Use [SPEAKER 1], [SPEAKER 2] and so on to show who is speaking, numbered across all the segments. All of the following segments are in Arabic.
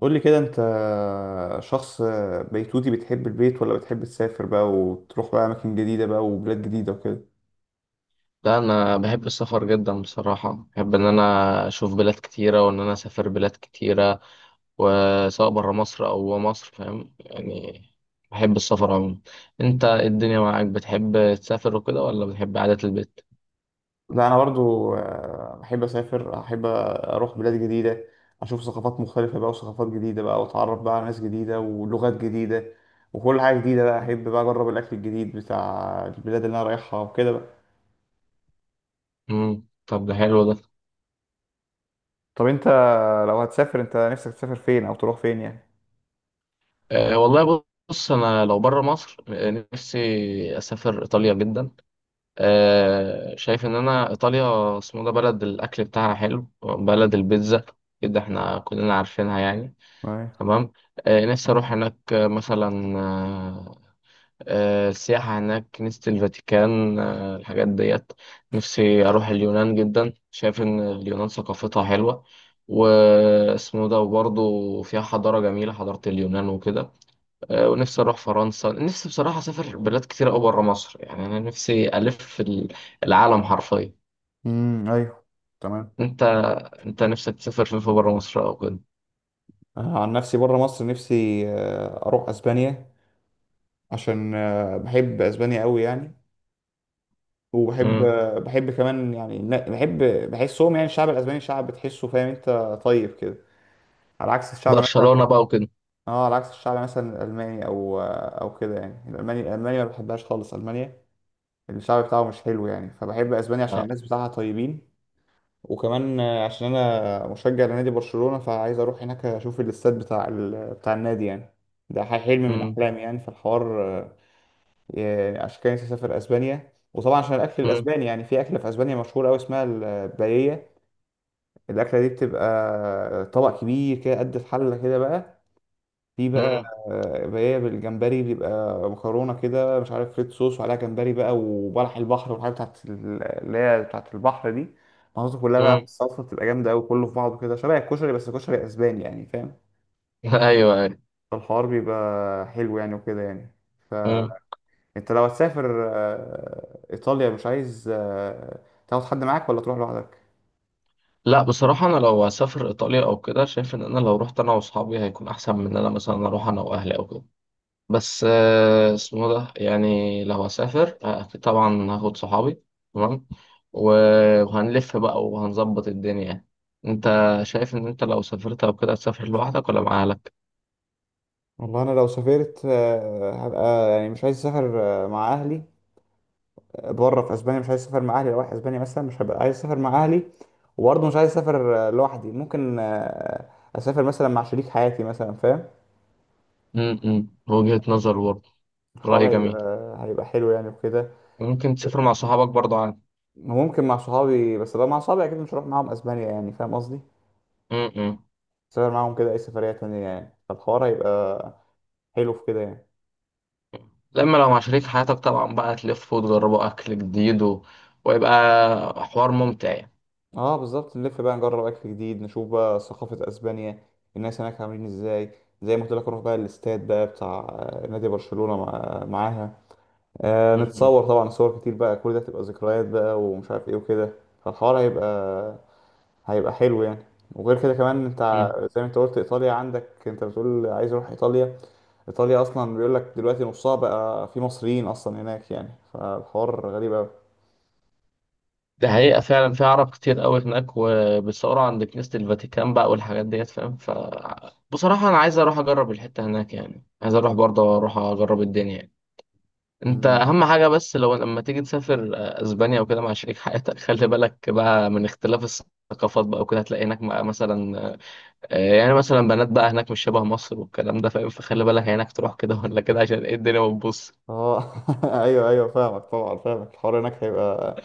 [SPEAKER 1] قول لي كده انت شخص بيتوتي، بتحب البيت ولا بتحب تسافر بقى وتروح بقى اماكن جديدة بقى وبلاد جديدة وكده؟
[SPEAKER 2] لا، انا بحب السفر جدا بصراحه. بحب ان انا اشوف بلاد كتيره وان انا اسافر بلاد كتيره، وسواء بره مصر او جوه مصر. فاهم يعني، بحب السفر عموما. انت إيه الدنيا معاك؟ بتحب تسافر وكده ولا بتحب قعده البيت؟
[SPEAKER 1] لا، انا برضو بحب اسافر، احب اروح بلاد جديدة، اشوف ثقافات مختلفة بقى وثقافات جديدة بقى، واتعرف بقى على ناس جديدة ولغات جديدة وكل حاجة جديدة بقى. احب بقى اجرب الاكل الجديد بتاع البلاد اللي انا رايحها وكده بقى.
[SPEAKER 2] طب ده حلو ده.
[SPEAKER 1] طب انت لو هتسافر انت نفسك تسافر فين او تروح فين يعني؟
[SPEAKER 2] أه والله، بص انا لو بره مصر نفسي اسافر ايطاليا جدا. أه، شايف ان انا ايطاليا اسمه ده بلد الاكل بتاعها حلو، بلد البيتزا. كده احنا كلنا عارفينها يعني.
[SPEAKER 1] ايوه.
[SPEAKER 2] تمام. آه نفسي أروح هناك، آه، مثلا آه آه، السياحة هناك، نفسي الفاتيكان، آه الحاجات ديت. نفسي أروح اليونان جدا، شايف إن اليونان ثقافتها حلوة واسمه ده، وبرضه فيها حضارة جميلة، حضارة اليونان وكده. آه ونفسي أروح فرنسا. نفسي بصراحة أسافر بلاد كتير أوي برا مصر. يعني أنا نفسي ألف في العالم حرفيا.
[SPEAKER 1] امم. ايوه. تمام.
[SPEAKER 2] أنت أنت نفسك تسافر فين في برا مصر أو كده؟
[SPEAKER 1] أنا عن نفسي بره مصر نفسي اروح اسبانيا، عشان بحب اسبانيا قوي يعني. وبحب
[SPEAKER 2] مم.
[SPEAKER 1] آه، بحب كمان، يعني لا، بحب بحسهم، يعني الشعب الاسباني شعب بتحسه، فاهم انت؟ طيب كده، على عكس الشعب مثلا.
[SPEAKER 2] برشلونة بقى وكده.
[SPEAKER 1] اه، على عكس الشعب مثلا الالماني او كده، يعني الالماني ما بحبهاش خالص. المانيا الشعب بتاعه مش حلو يعني، فبحب اسبانيا عشان
[SPEAKER 2] آه.
[SPEAKER 1] الناس بتاعها طيبين. وكمان عشان انا مشجع لنادي برشلونة، فعايز اروح هناك اشوف الاستاد بتاع النادي يعني. ده حلم من
[SPEAKER 2] مم.
[SPEAKER 1] احلامي يعني في الحوار. يعني عشان كده نفسي اسافر اسبانيا، وطبعا عشان الاكل
[SPEAKER 2] مم.
[SPEAKER 1] الاسباني، يعني في اكله في اسبانيا مشهوره قوي اسمها الباييه. الاكله دي بتبقى طبق كبير كده قد الحله كده بقى، في بقى
[SPEAKER 2] مم.
[SPEAKER 1] بالجمبري، بيبقى مكرونة كده مش عارف، ريد صوص وعليها جمبري بقى وبلح البحر والحاجات اللي هي بتاعت البحر دي، محطوطة كلها بقى في
[SPEAKER 2] مم.
[SPEAKER 1] الصلصة، بتبقى جامدة أوي، كله في بعضه كده شبه الكشري بس كشري أسباني يعني، فاهم؟
[SPEAKER 2] ايوه ايوه.
[SPEAKER 1] فالحوار بيبقى حلو يعني وكده يعني.
[SPEAKER 2] مم.
[SPEAKER 1] فأنت لو هتسافر إيطاليا، مش عايز تاخد حد معاك ولا تروح لوحدك؟
[SPEAKER 2] لا، بصراحه انا لو هسافر ايطاليا او كده، شايف ان انا لو رحت انا واصحابي هيكون احسن من ان انا مثلا اروح انا واهلي او كده. بس آه، اسمه ده يعني لو هسافر، أكيد طبعا هاخد صحابي. تمام. و- وهنلف بقى وهنظبط الدنيا يعني. انت شايف ان انت لو سافرت او كده هتسافر لوحدك ولا مع اهلك؟
[SPEAKER 1] والله أنا لو سافرت هبقى يعني مش عايز أسافر مع أهلي بره في اسبانيا. مش عايز اسافر مع اهلي، لو رايح اسبانيا مثلا مش هبقى عايز اسافر مع اهلي، وبرضه مش عايز اسافر لوحدي. ممكن اسافر مثلا مع شريك حياتي مثلا، فاهم؟
[SPEAKER 2] وجهة نظر برضه.
[SPEAKER 1] الحوار
[SPEAKER 2] رأي جميل.
[SPEAKER 1] هيبقى حلو يعني وكده.
[SPEAKER 2] ممكن تسافر مع صحابك برضه عادي.
[SPEAKER 1] وممكن مع صحابي، بس لو مع صحابي اكيد مش هروح معاهم اسبانيا يعني، فاهم قصدي؟
[SPEAKER 2] امم
[SPEAKER 1] اسافر معاهم كده اي سفرية تانية يعني، فالحوار هيبقى حلو في كده يعني.
[SPEAKER 2] لما لو مع شريك حياتك طبعا بقى تلفوا وتجربوا أكل جديد و... ويبقى حوار ممتع يعني.
[SPEAKER 1] اه بالظبط، نلف بقى، نجرب اكل جديد، نشوف بقى ثقافة اسبانيا، الناس هناك عاملين ازاي. زي ما قلت لك، اروح بقى الاستاد بقى بتاع نادي برشلونة، معاها.
[SPEAKER 2] م-
[SPEAKER 1] نتصور طبعا صور كتير بقى، كل ده تبقى ذكريات بقى ومش عارف ايه وكده. فالحوار هيبقى حلو يعني. وغير كده كمان، انت
[SPEAKER 2] م- م.
[SPEAKER 1] زي ما انت قلت ايطاليا عندك، انت بتقول عايز اروح ايطاليا. ايطاليا اصلا بيقول لك دلوقتي نصها بقى في مصريين اصلا هناك يعني، فالحوار غريب قوي.
[SPEAKER 2] ده حقيقة فعلا، في عرب كتير قوي هناك وبيصوروا عند كنيسة الفاتيكان بقى والحاجات ديت فاهم. ف بصراحة أنا عايز أروح أجرب الحتة هناك يعني، عايز أروح برضه أروح أجرب الدنيا يعني.
[SPEAKER 1] مم.
[SPEAKER 2] أهم حاجة بس لو لما تيجي تسافر أسبانيا وكده مع شريك حياتك، خلي بالك بقى من اختلاف الثقافات بقى وكده. هتلاقي هناك بقى مثلا، يعني مثلا بنات بقى هناك مش شبه مصر والكلام ده فاهم. فخلي بالك هناك تروح كده ولا كده عشان ايه الدنيا ما تبص.
[SPEAKER 1] اه، ايوه ايوه، فاهمك طبعا فاهمك. الحوار هناك هيبقى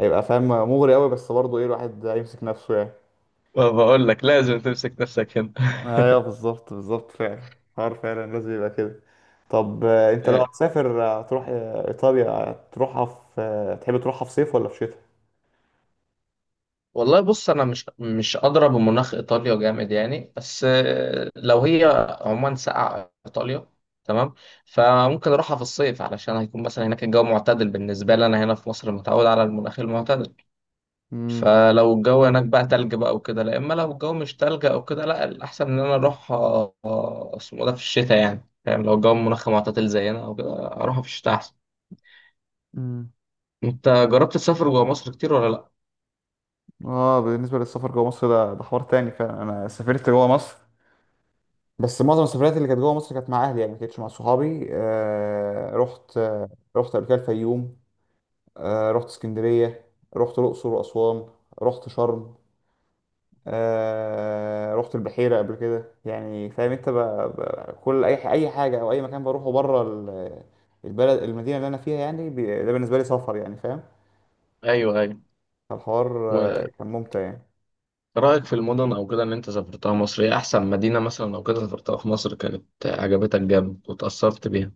[SPEAKER 1] فاهم مغري قوي، بس برضه ايه، الواحد هيمسك نفسه يعني.
[SPEAKER 2] فبقول لك لازم تمسك نفسك هنا.
[SPEAKER 1] ايوه بالظبط بالظبط، فعلا حوار فعلا لازم يبقى كده. طب انت لو
[SPEAKER 2] آه،
[SPEAKER 1] هتسافر هتروح ايطاليا، هتروحها في تحب تروحها في صيف ولا في شتاء؟
[SPEAKER 2] والله بص، انا مش ادرى بمناخ ايطاليا جامد يعني، بس آه، لو هي عموما ساقعه ايطاليا، تمام، فممكن اروحها في الصيف علشان هيكون مثلا هناك الجو معتدل بالنسبه لي. انا هنا في مصر متعود على المناخ المعتدل،
[SPEAKER 1] امم.
[SPEAKER 2] فلو الجو هناك بقى تلج بقى وكده لا. اما لو الجو مش تلج او كده، لا الاحسن ان انا اروح آه، آه، اسمه ده في الشتاء يعني فاهم. لو الجو منخم معتدل زينا او كده اروح في الشتاء احسن.
[SPEAKER 1] امم.
[SPEAKER 2] انت جربت تسافر جوه مصر كتير ولا لا؟
[SPEAKER 1] اه، بالنسبه للسفر جوه مصر، ده حوار تاني فعلا. انا سافرت جوه مصر، بس معظم السفريات اللي كانت جوه مصر كانت مع اهلي يعني، ما كانتش مع صحابي. رحت قبل كده الفيوم، آه رحت اسكندريه، رحت الاقصر واسوان، رحت شرم، رحت البحيرة قبل كده يعني، فاهم انت؟ بقى كل اي حاجة او اي مكان بروحه بره البلد المدينة اللي انا فيها يعني، ده بالنسبة لي سفر يعني، فاهم؟
[SPEAKER 2] ايوه ايوه.
[SPEAKER 1] فالحوار كان ممتع يعني.
[SPEAKER 2] ورأيك في المدن او كده اللي انت سافرتها مصر، ايه احسن مدينة مثلا او كده سافرتها في مصر كانت عجبتك جامد وتأثرت بيها؟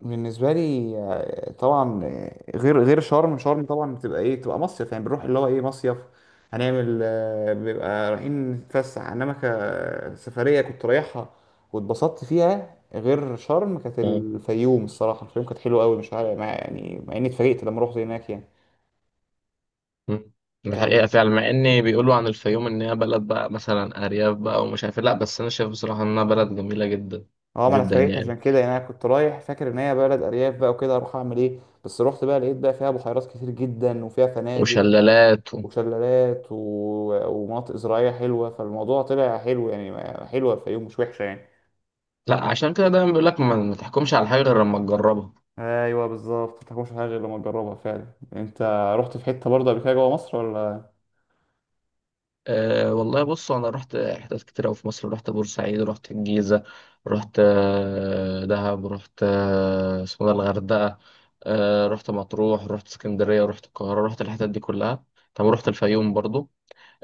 [SPEAKER 1] بالنسبه لي طبعا غير شرم طبعا، بتبقى ايه، بتبقى مصيف يعني، بنروح اللي هو ايه مصيف، هنعمل بيبقى رايحين نتفسح. انما كسفريه كنت رايحها واتبسطت فيها غير شرم، كانت
[SPEAKER 2] مم.
[SPEAKER 1] الفيوم. الصراحه الفيوم كانت حلوه قوي، مش عارف، مع يعني اني اتفاجئت لما رحت هناك يعني.
[SPEAKER 2] مم.
[SPEAKER 1] كانت،
[SPEAKER 2] الحقيقة فعلا مع ان بيقولوا عن الفيوم ان هي بلد بقى مثلا ارياف بقى ومش عارف إيه. لا، بس انا شايف بصراحة انها بلد جميلة جدا.
[SPEAKER 1] اه ما انا
[SPEAKER 2] جدا
[SPEAKER 1] اتفاجئت
[SPEAKER 2] يعني.
[SPEAKER 1] عشان كده يعني. انا كنت رايح فاكر ان هي بلد ارياف بقى وكده، اروح اعمل ايه؟ بس رحت بقى لقيت بقى فيها بحيرات كتير جدا، وفيها فنادق
[SPEAKER 2] وشلالات و...
[SPEAKER 1] وشلالات ومناطق زراعية حلوة. فالموضوع طلع حلو يعني. حلوة الفيوم، مش وحشة يعني.
[SPEAKER 2] لا عشان كده دايما بيقول لك ما تحكمش على حاجه غير لما تجربها.
[SPEAKER 1] ايوه بالظبط، ما تاكلش حاجة غير لما تجربها فعلا. انت رحت في حتة برضه قبل كده جوه مصر ولا؟
[SPEAKER 2] أه والله، بص انا رحت حتت كتير قوي في مصر. رحت بورسعيد، رحت الجيزه، رحت دهب، رحت آه، اسمه ده الغردقه، أه رحت مطروح، رحت اسكندريه، رحت القاهره، رحت الحتت دي كلها. طب رحت الفيوم برضو.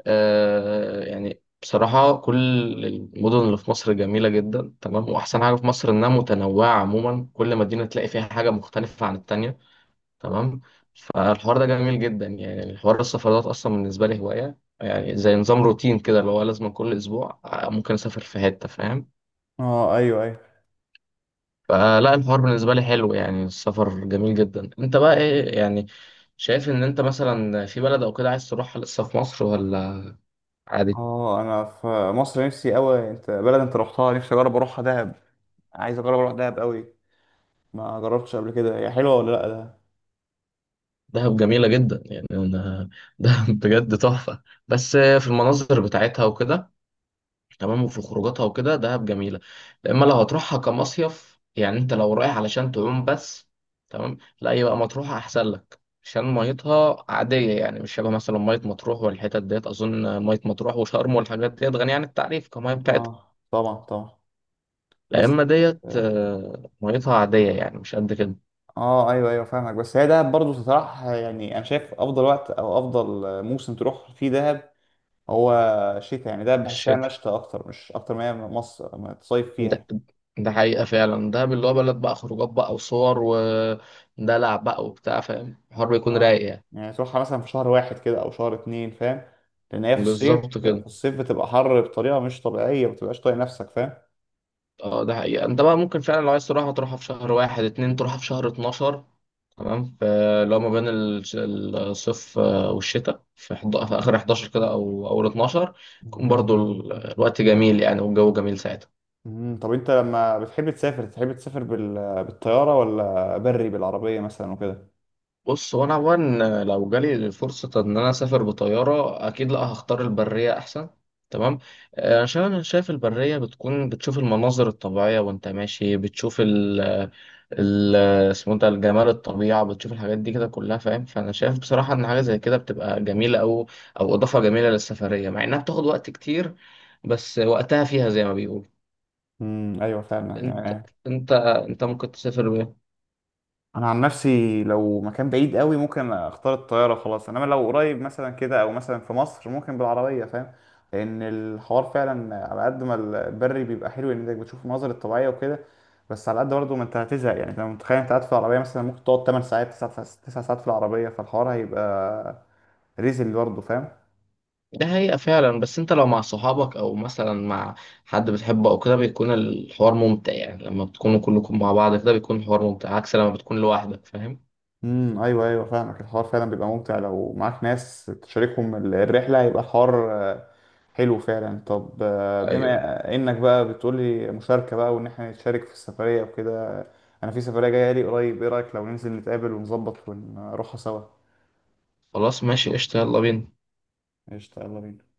[SPEAKER 2] أه يعني بصراحة كل المدن اللي في مصر جميلة جدا، تمام، وأحسن حاجة في مصر إنها متنوعة عموما. كل مدينة تلاقي فيها حاجة مختلفة عن التانية، تمام. فالحوار ده جميل جدا يعني. الحوار السفرات اصلا بالنسبه لي هوايه يعني، زي نظام روتين كده اللي هو لازم كل اسبوع ممكن اسافر في حته فاهم.
[SPEAKER 1] اه ايوه ايوه.
[SPEAKER 2] فلا الحوار بالنسبه لي حلو يعني، السفر جميل جدا. انت بقى ايه يعني شايف ان انت مثلا في بلد او كده عايز تروحها لسه في مصر ولا عادي؟
[SPEAKER 1] اه، انا في مصر نفسي قوي. انت بلد انت رحتها نفسي اجرب اروحها، دهب. عايز اجرب اروح دهب قوي. ما جربتش قبل كده، هي حلوة ولا لا ده؟
[SPEAKER 2] دهب جميله جدا يعني. انا دهب بجد تحفه، بس في المناظر بتاعتها وكده، تمام، وفي خروجاتها وكده، دهب جميلة. اما لو هتروحها كمصيف يعني، انت لو رايح علشان تعوم بس، تمام، لا يبقى مطروح احسن لك عشان ميتها عادية يعني، مش شبه مثلا مية مطروح والحتت ديت. أظن مية مطروح وشرم والحاجات ديت غنية عن التعريف كمية بتاعتها.
[SPEAKER 1] اه طبعا طبعا.
[SPEAKER 2] لا
[SPEAKER 1] بس
[SPEAKER 2] إما ديت
[SPEAKER 1] اه
[SPEAKER 2] ميتها عادية يعني مش قد كده.
[SPEAKER 1] ايوه ايوه، فاهمك. بس هي دهب برضه تطرح يعني، انا شايف افضل وقت او افضل موسم تروح فيه دهب، هو شتاء يعني. ده بحسها
[SPEAKER 2] الشتاء
[SPEAKER 1] مشتى اكتر، مش اكتر ما هي مصر ما تصيف
[SPEAKER 2] ده,
[SPEAKER 1] فيها.
[SPEAKER 2] ده حقيقة فعلا، ده اللي هو بلد بقى خروجات بقى وصور ودلع بقى وبتاع فاهم، الحوار بيكون
[SPEAKER 1] اه
[SPEAKER 2] رايق يعني.
[SPEAKER 1] يعني تروحها مثلا في شهر واحد كده او شهر اتنين، فاهم؟ لان هي
[SPEAKER 2] بالظبط
[SPEAKER 1] في
[SPEAKER 2] كده.
[SPEAKER 1] الصيف بتبقى حر بطريقه مش طبيعيه، ما بتبقاش طايق نفسك، فاهم؟
[SPEAKER 2] اه ده حقيقة. انت بقى ممكن فعلا لو عايز تروحها تروحها في شهر واحد اتنين، تروحها في شهر اتناشر، تمام. فلو ما بين الصيف والشتاء في اخر 11 كده او اول 12 يكون
[SPEAKER 1] مم.
[SPEAKER 2] برضو الوقت جميل يعني، والجو جميل ساعتها.
[SPEAKER 1] مم. طب انت لما بتحب تسافر، تحب تسافر بالطياره ولا بري بالعربيه مثلا وكده؟
[SPEAKER 2] بص هو انا عموما لو جالي الفرصه ان انا اسافر بطياره، اكيد لا، هختار البريه احسن، تمام. عشان انا شايف البريه بتكون بتشوف المناظر الطبيعيه، وانت ماشي بتشوف ال ال اسمه ده الجمال، الطبيعه، بتشوف الحاجات دي كده كلها فاهم. فانا شايف بصراحه ان حاجه زي كده بتبقى جميله، او او اضافه جميله للسفريه مع انها بتاخد وقت كتير، بس وقتها فيها زي ما بيقولوا.
[SPEAKER 1] امم، ايوه فعلا
[SPEAKER 2] انت
[SPEAKER 1] يعني.
[SPEAKER 2] انت انت ممكن تسافر بيه.
[SPEAKER 1] انا عن نفسي لو مكان بعيد قوي، ممكن اختار الطياره خلاص. انما لو قريب مثلا كده، او مثلا في مصر، ممكن بالعربيه، فاهم؟ لان الحوار فعلا على قد ما البري بيبقى حلو، ان انت بتشوف المناظر الطبيعيه وكده، بس على قد برضه ما انت هتزهق يعني. انت لو متخيل انت قاعد في العربيه مثلا، ممكن تقعد 8 ساعات، 9 ساعات، 9 ساعات في العربيه، فالحوار هيبقى ريزل برضه، فاهم؟
[SPEAKER 2] ده حقيقة فعلا. بس انت لو مع صحابك او مثلا مع حد بتحبه او كده بيكون الحوار ممتع يعني، لما بتكونوا كلكم مع بعض كده بيكون الحوار ممتع عكس لما بتكون لوحدك فاهم.
[SPEAKER 1] امم، ايوه ايوه، فاهمك. الحوار فعلا بيبقى ممتع لو معاك ناس تشاركهم الرحله، هيبقى الحوار حلو فعلا. طب
[SPEAKER 2] ايوه.
[SPEAKER 1] بما انك بقى بتقولي مشاركه بقى وان احنا نتشارك في السفريه وكده، انا في سفريه جايه لي قريب، ايه رايك لو ننزل نتقابل ونظبط ونروحها سوا؟
[SPEAKER 2] خلاص ماشي قشطة، يلا بينا.
[SPEAKER 1] قشطه، يلا بينا.